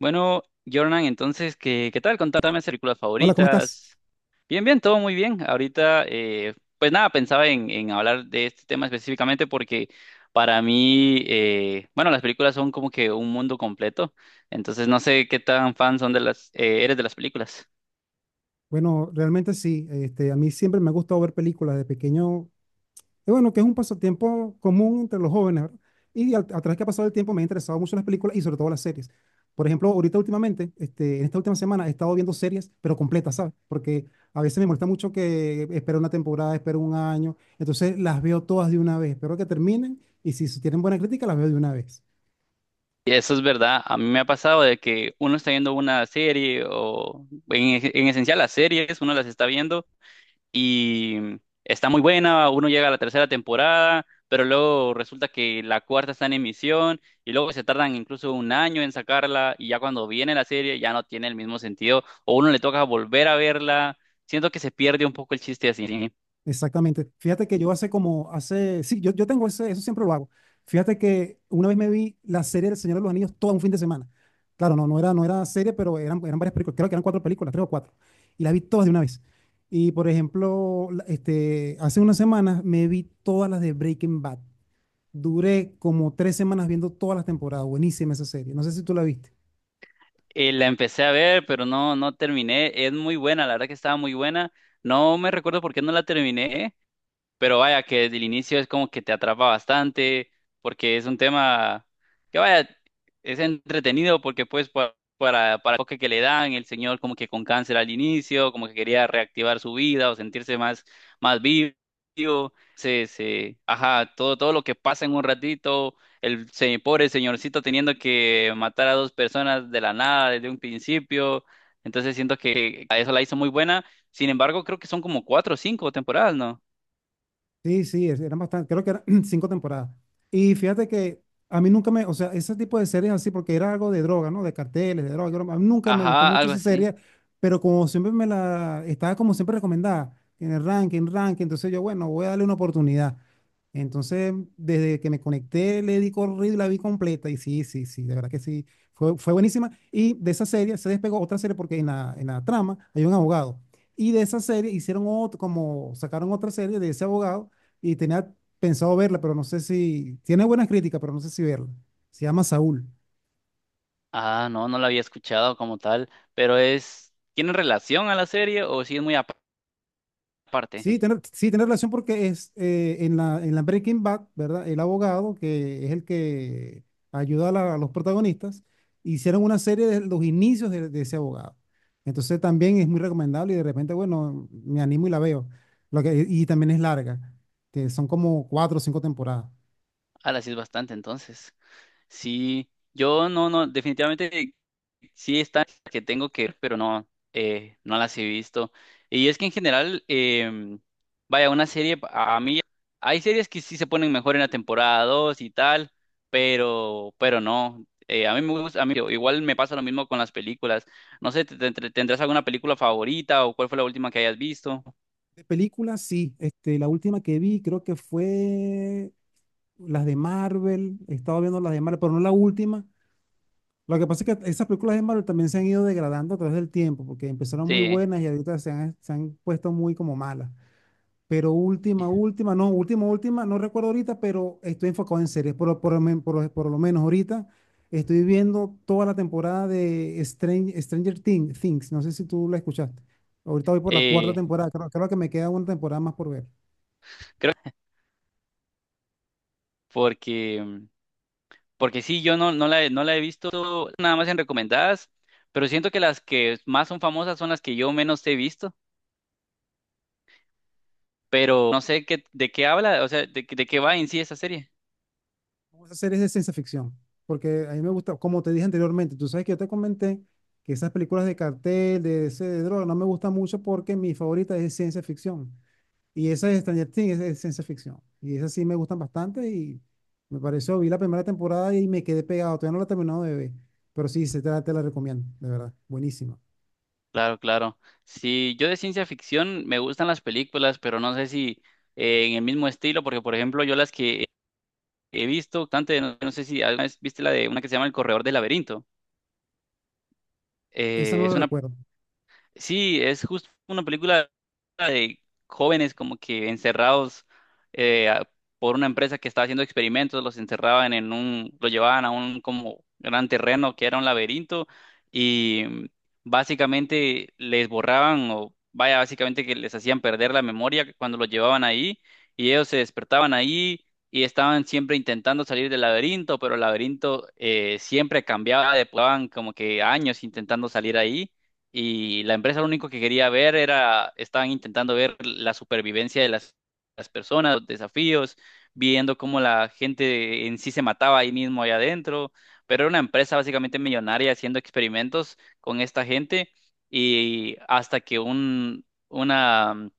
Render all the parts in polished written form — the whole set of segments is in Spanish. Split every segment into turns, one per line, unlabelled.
Bueno, Jordan, entonces, ¿qué tal? Contame tus películas
Hola, ¿cómo estás?
favoritas. Bien, bien, todo muy bien. Ahorita, pues nada, pensaba en hablar de este tema específicamente porque para mí, bueno, las películas son como que un mundo completo. Entonces, no sé qué tan fan son de las, eres de las películas.
Bueno, realmente sí, a mí siempre me ha gustado ver películas de pequeño, y bueno, que es un pasatiempo común entre los jóvenes, ¿verdad? Y a través que ha pasado el tiempo me han interesado mucho las películas y sobre todo las series. Por ejemplo, ahorita últimamente, en esta última semana he estado viendo series, pero completas, ¿sabes? Porque a veces me molesta mucho que espero una temporada, espero un año, entonces las veo todas de una vez, espero que terminen y si tienen buena crítica las veo de una vez.
Y eso es verdad. A mí me ha pasado de que uno está viendo una serie o en esencial las series, uno las está viendo, y está muy buena, uno llega a la tercera temporada, pero luego resulta que la cuarta está en emisión y luego se tardan incluso un año en sacarla y ya cuando viene la serie ya no tiene el mismo sentido o uno le toca volver a verla. Siento que se pierde un poco el chiste así.
Exactamente. Fíjate que yo sí, yo tengo eso siempre lo hago. Fíjate que una vez me vi la serie del Señor de los Anillos todo un fin de semana. Claro, no, no era serie, pero eran varias películas, creo que eran cuatro películas, tres o cuatro. Y las vi todas de una vez. Y por ejemplo, hace unas semanas me vi todas las de Breaking Bad. Duré como 3 semanas viendo todas las temporadas. Buenísima esa serie. No sé si tú la viste.
La empecé a ver, pero no terminé. Es muy buena, la verdad que estaba muy buena. No me recuerdo por qué no la terminé, pero vaya, que desde el inicio es como que te atrapa bastante, porque es un tema que vaya, es entretenido porque pues para el enfoque que le dan, el señor como que con cáncer al inicio, como que quería reactivar su vida o sentirse más, más vivo, ajá, todo lo que pasa en un ratito, el pobre señorcito teniendo que matar a dos personas de la nada desde un principio, entonces siento que a eso la hizo muy buena, sin embargo creo que son como cuatro o cinco temporadas, ¿no?
Sí, sí, eran bastante, creo que eran cinco temporadas. Y fíjate que a mí nunca me, o sea, ese tipo de series así, porque era algo de droga, ¿no? De carteles, de droga. Broma. A mí nunca me gustó
Ajá,
mucho
algo
esa
así.
serie, pero como siempre estaba como siempre recomendada, en el ranking, ranking, entonces yo, bueno, voy a darle una oportunidad. Entonces, desde que me conecté, le di corrido y la vi completa. Y sí, sí, sí, de verdad que sí, fue buenísima. Y de esa serie se despegó otra serie porque en la trama hay un abogado. Y de esa serie hicieron otro, como sacaron otra serie de ese abogado y tenía pensado verla, pero no sé si, tiene buenas críticas, pero no sé si verla. Se llama Saúl.
Ah, no la había escuchado como tal, pero es, ¿tiene relación a la serie o sí es muy aparte?
Sí, tiene relación porque es en la Breaking Bad, ¿verdad? El abogado, que es el que ayuda a los protagonistas, hicieron una serie de los inicios de ese abogado. Entonces también es muy recomendable y de repente, bueno, me animo y la veo. Y también es larga, que son como cuatro o cinco temporadas.
Ah, la sí es bastante entonces. Sí, yo no, definitivamente sí está que tengo que ver, pero no, no las he visto. Y es que en general, vaya, una serie, a mí, hay series que sí se ponen mejor en la temporada 2 y tal, pero no. A mí me gusta, a mí igual me pasa lo mismo con las películas. No sé, ¿tendrás alguna película favorita o cuál fue la última que hayas visto?
De películas, sí. La última que vi creo que fue las de Marvel, he estado viendo las de Marvel, pero no la última. Lo que pasa es que esas películas de Marvel también se han ido degradando a través del tiempo, porque empezaron muy
Sí,
buenas y ahorita se han puesto muy como malas. Pero última, última, no recuerdo ahorita, pero estoy enfocado en series. Por, lo men- por lo menos ahorita estoy viendo toda la temporada de Stranger Things. No sé si tú la escuchaste. Ahorita voy por la cuarta
eh,
temporada. Creo que me queda una temporada más por ver.
creo porque porque sí, yo no la he visto nada más en recomendadas, pero siento que las que más son famosas son las que yo menos he visto, pero no sé qué, de qué habla, o sea, de, de qué va en sí esa serie.
Vamos a hacer es de ciencia ficción, porque a mí me gusta, como te dije anteriormente, tú sabes que yo te comenté que esas películas de cartel, de droga, no me gustan mucho porque mi favorita es de ciencia ficción. Y esa de Stranger Things es de ciencia ficción. Y esas sí me gustan bastante y me pareció, vi la primera temporada y me quedé pegado, todavía no la he terminado de ver, pero sí, se te la recomiendo, de verdad, buenísima.
Claro, claro. Sí, yo de ciencia ficción me gustan las películas, pero no sé si en el mismo estilo, porque por ejemplo yo las que he visto, bastante, no sé si alguna vez viste la de una que se llama El Corredor del Laberinto.
Esa no
Es
la
una,
recuerdo.
sí, es justo una película de jóvenes como que encerrados eh, a- por una empresa que estaba haciendo experimentos, los encerraban en un, lo llevaban a un como gran terreno que era un laberinto y básicamente les borraban o vaya, básicamente que les hacían perder la memoria cuando los llevaban ahí y ellos se despertaban ahí y estaban siempre intentando salir del laberinto, pero el laberinto siempre cambiaba, depuraban como que años intentando salir ahí y la empresa lo único que quería ver era, estaban intentando ver la supervivencia de las personas, los desafíos, viendo cómo la gente en sí se mataba ahí mismo, allá adentro, pero era una empresa básicamente millonaria haciendo experimentos con esta gente y hasta que una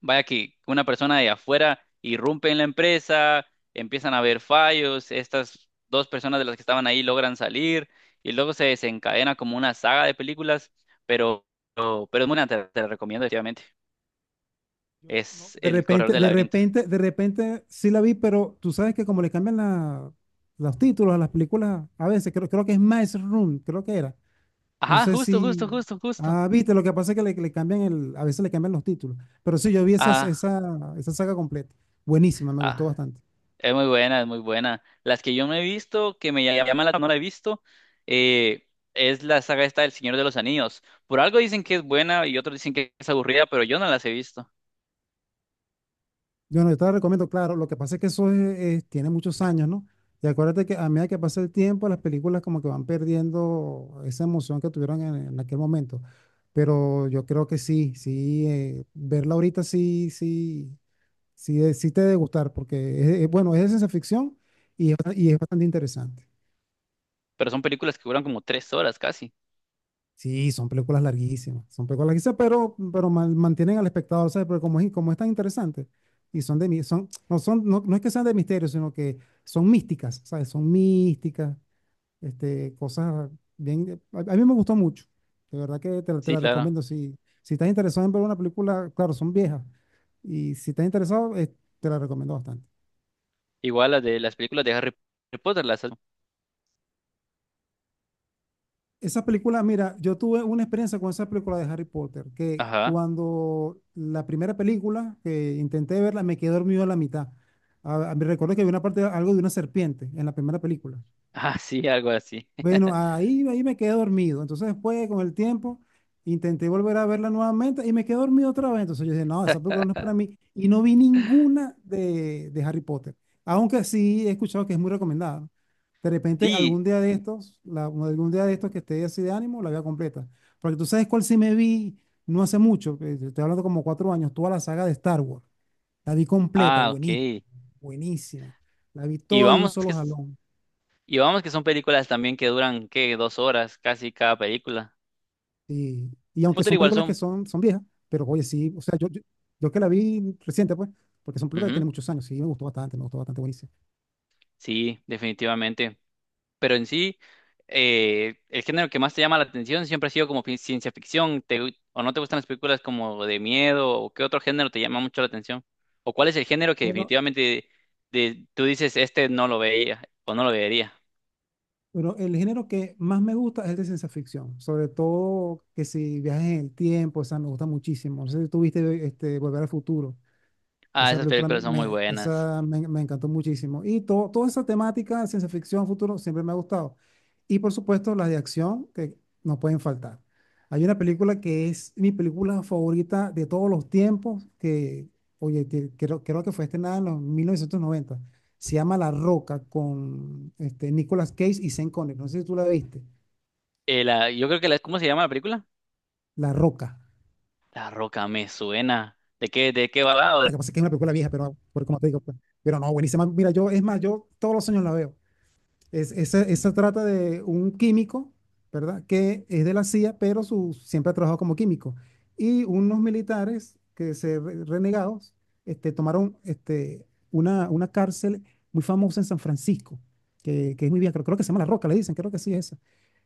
vaya que una persona de afuera irrumpe en la empresa, empiezan a haber fallos, estas dos personas de las que estaban ahí logran salir y luego se desencadena como una saga de películas, pero, pero es muy buena, te la recomiendo definitivamente.
Yo, no,
Es
De
El Corredor
repente,
del
de
Laberinto.
repente, de repente sí la vi, pero tú sabes que como le cambian los títulos a las películas, a veces creo que es Maze Room, creo que era. No
Ajá,
sé
justo, justo,
si...
justo, justo.
Ah, viste, lo que pasa es que le cambian el, a veces le cambian los títulos. Pero sí, yo vi esas,
Ah,
esa, esa saga completa. Buenísima, me gustó
ah,
bastante.
es muy buena, es muy buena. Las que yo no he visto, que me llaman la no la he visto, eh, es la saga esta del Señor de los Anillos. Por algo dicen que es buena y otros dicen que es aburrida, pero yo no las he visto.
Yo, no, yo te la recomiendo, claro, lo que pasa es que eso tiene muchos años, ¿no? Y acuérdate que a medida que pasa el tiempo, las películas como que van perdiendo esa emoción que tuvieron en aquel momento. Pero yo creo que sí, sí, verla ahorita sí, sí, sí, sí te debe gustar, porque bueno, es de ciencia ficción y es bastante interesante.
Pero son películas que duran como tres horas casi.
Sí, son películas larguísimas, pero mantienen al espectador, ¿sabes? Porque como es tan interesante, y son son, no, no es que sean de misterio, sino que son místicas, ¿sabes? Son místicas, cosas bien, a mí me gustó mucho, de verdad que te
Sí,
la
claro.
recomiendo, si, si estás interesado en ver una película, claro, son viejas, y si estás interesado, te la recomiendo bastante.
Igual las de las películas de Harry Potter, las...
Esa película, mira, yo tuve una experiencia con esa película de Harry Potter, que
Ajá.
cuando la primera película que intenté verla, me quedé dormido a la mitad. Me recuerdo que había una parte, algo de una serpiente en la primera película.
Ah, sí, algo así.
Bueno, ahí me quedé dormido. Entonces después, con el tiempo, intenté volver a verla nuevamente y me quedé dormido otra vez. Entonces yo dije, no, esa película no es para mí. Y no vi ninguna de Harry Potter. Aunque sí he escuchado que es muy recomendada, ¿no? De repente,
Sí.
algún día de estos, que esté así de ánimo, la veo completa. Porque tú sabes cuál sí me vi no hace mucho, que te estoy hablando como 4 años, toda la saga de Star Wars. La vi completa,
Ah,
buenísima,
ok.
buenísima. La vi
Y
toda de un
vamos que,
solo jalón.
y vamos que son películas también que duran, ¿qué? Dos horas casi cada película.
Y aunque
Potter
son
igual
películas
son.
que son viejas, pero oye, sí, o sea, yo que la vi reciente, pues, porque son películas que
Ujú.
tienen muchos años, sí, me gustó bastante, buenísimo.
Sí, definitivamente. Pero en sí, el género que más te llama la atención siempre ha sido como ciencia ficción. O no te gustan las películas como de miedo? ¿O qué otro género te llama mucho la atención? ¿O cuál es el género que
Bueno,
definitivamente tú dices, este no lo veía o no lo vería?
pero el género que más me gusta es el de ciencia ficción, sobre todo que si viajes en el tiempo, o sea, me gusta muchísimo. No sé si tuviste Volver al Futuro.
Ah,
Esa
esas
película
películas son muy buenas.
me encantó muchísimo. Y toda esa temática de ciencia ficción, futuro, siempre me ha gustado. Y por supuesto, las de acción que no pueden faltar. Hay una película que es mi película favorita de todos los tiempos, oye, creo que fue estrenada en los 1990. Se llama La Roca con Nicolas Cage y Sean Connery. No sé si tú la viste.
La, yo creo que la, ¿cómo se llama la película?
La Roca.
La Roca me suena. ¿De qué va? Ah,
Lo que pasa es que es una película vieja, pero como te digo, pues, pero no, buenísima. Mira, yo, es más, yo todos los años la veo. Es, esa,
mm,
esa trata de un químico, ¿verdad? Que es de la CIA, pero su, siempre ha trabajado como químico. Y unos militares que se renegados tomaron una cárcel muy famosa en San Francisco, que es muy vieja, creo que se llama La Roca, le dicen, creo que sí es esa.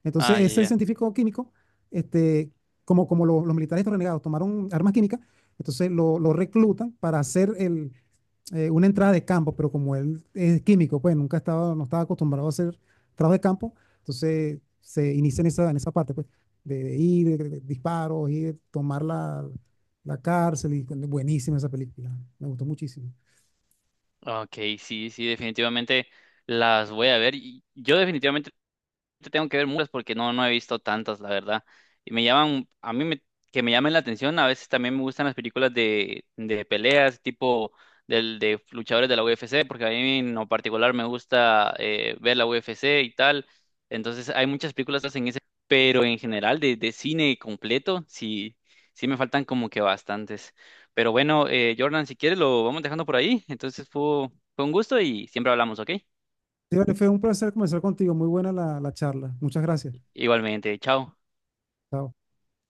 Entonces,
ah, ya,
ese
ya.
científico químico, este, como los militares estos renegados tomaron armas químicas, entonces lo reclutan para hacer una entrada de campo, pero como él es químico, pues nunca estaba, no estaba acostumbrado a hacer trabajo de campo, entonces se inicia en en esa parte, pues, de ir, de disparos, ir, tomar la cárcel, y buenísima esa película, me gustó muchísimo.
Ok, sí, sí, definitivamente las voy a ver. Y yo definitivamente te tengo que ver muchas porque no he visto tantas, la verdad. Y me llaman, que me llamen la atención, a veces también me gustan las películas de peleas, tipo del, de luchadores de la UFC, porque a mí en lo particular me gusta ver la UFC y tal. Entonces hay muchas películas que hacen ese, pero en general de cine completo, sí, sí me faltan como que bastantes. Pero bueno, Jordan, si quieres lo vamos dejando por ahí. Entonces fue un gusto y siempre hablamos, ¿ok?
Sí, vale, fue un placer conversar contigo, muy buena la charla, muchas gracias.
Igualmente, chao.
Chao.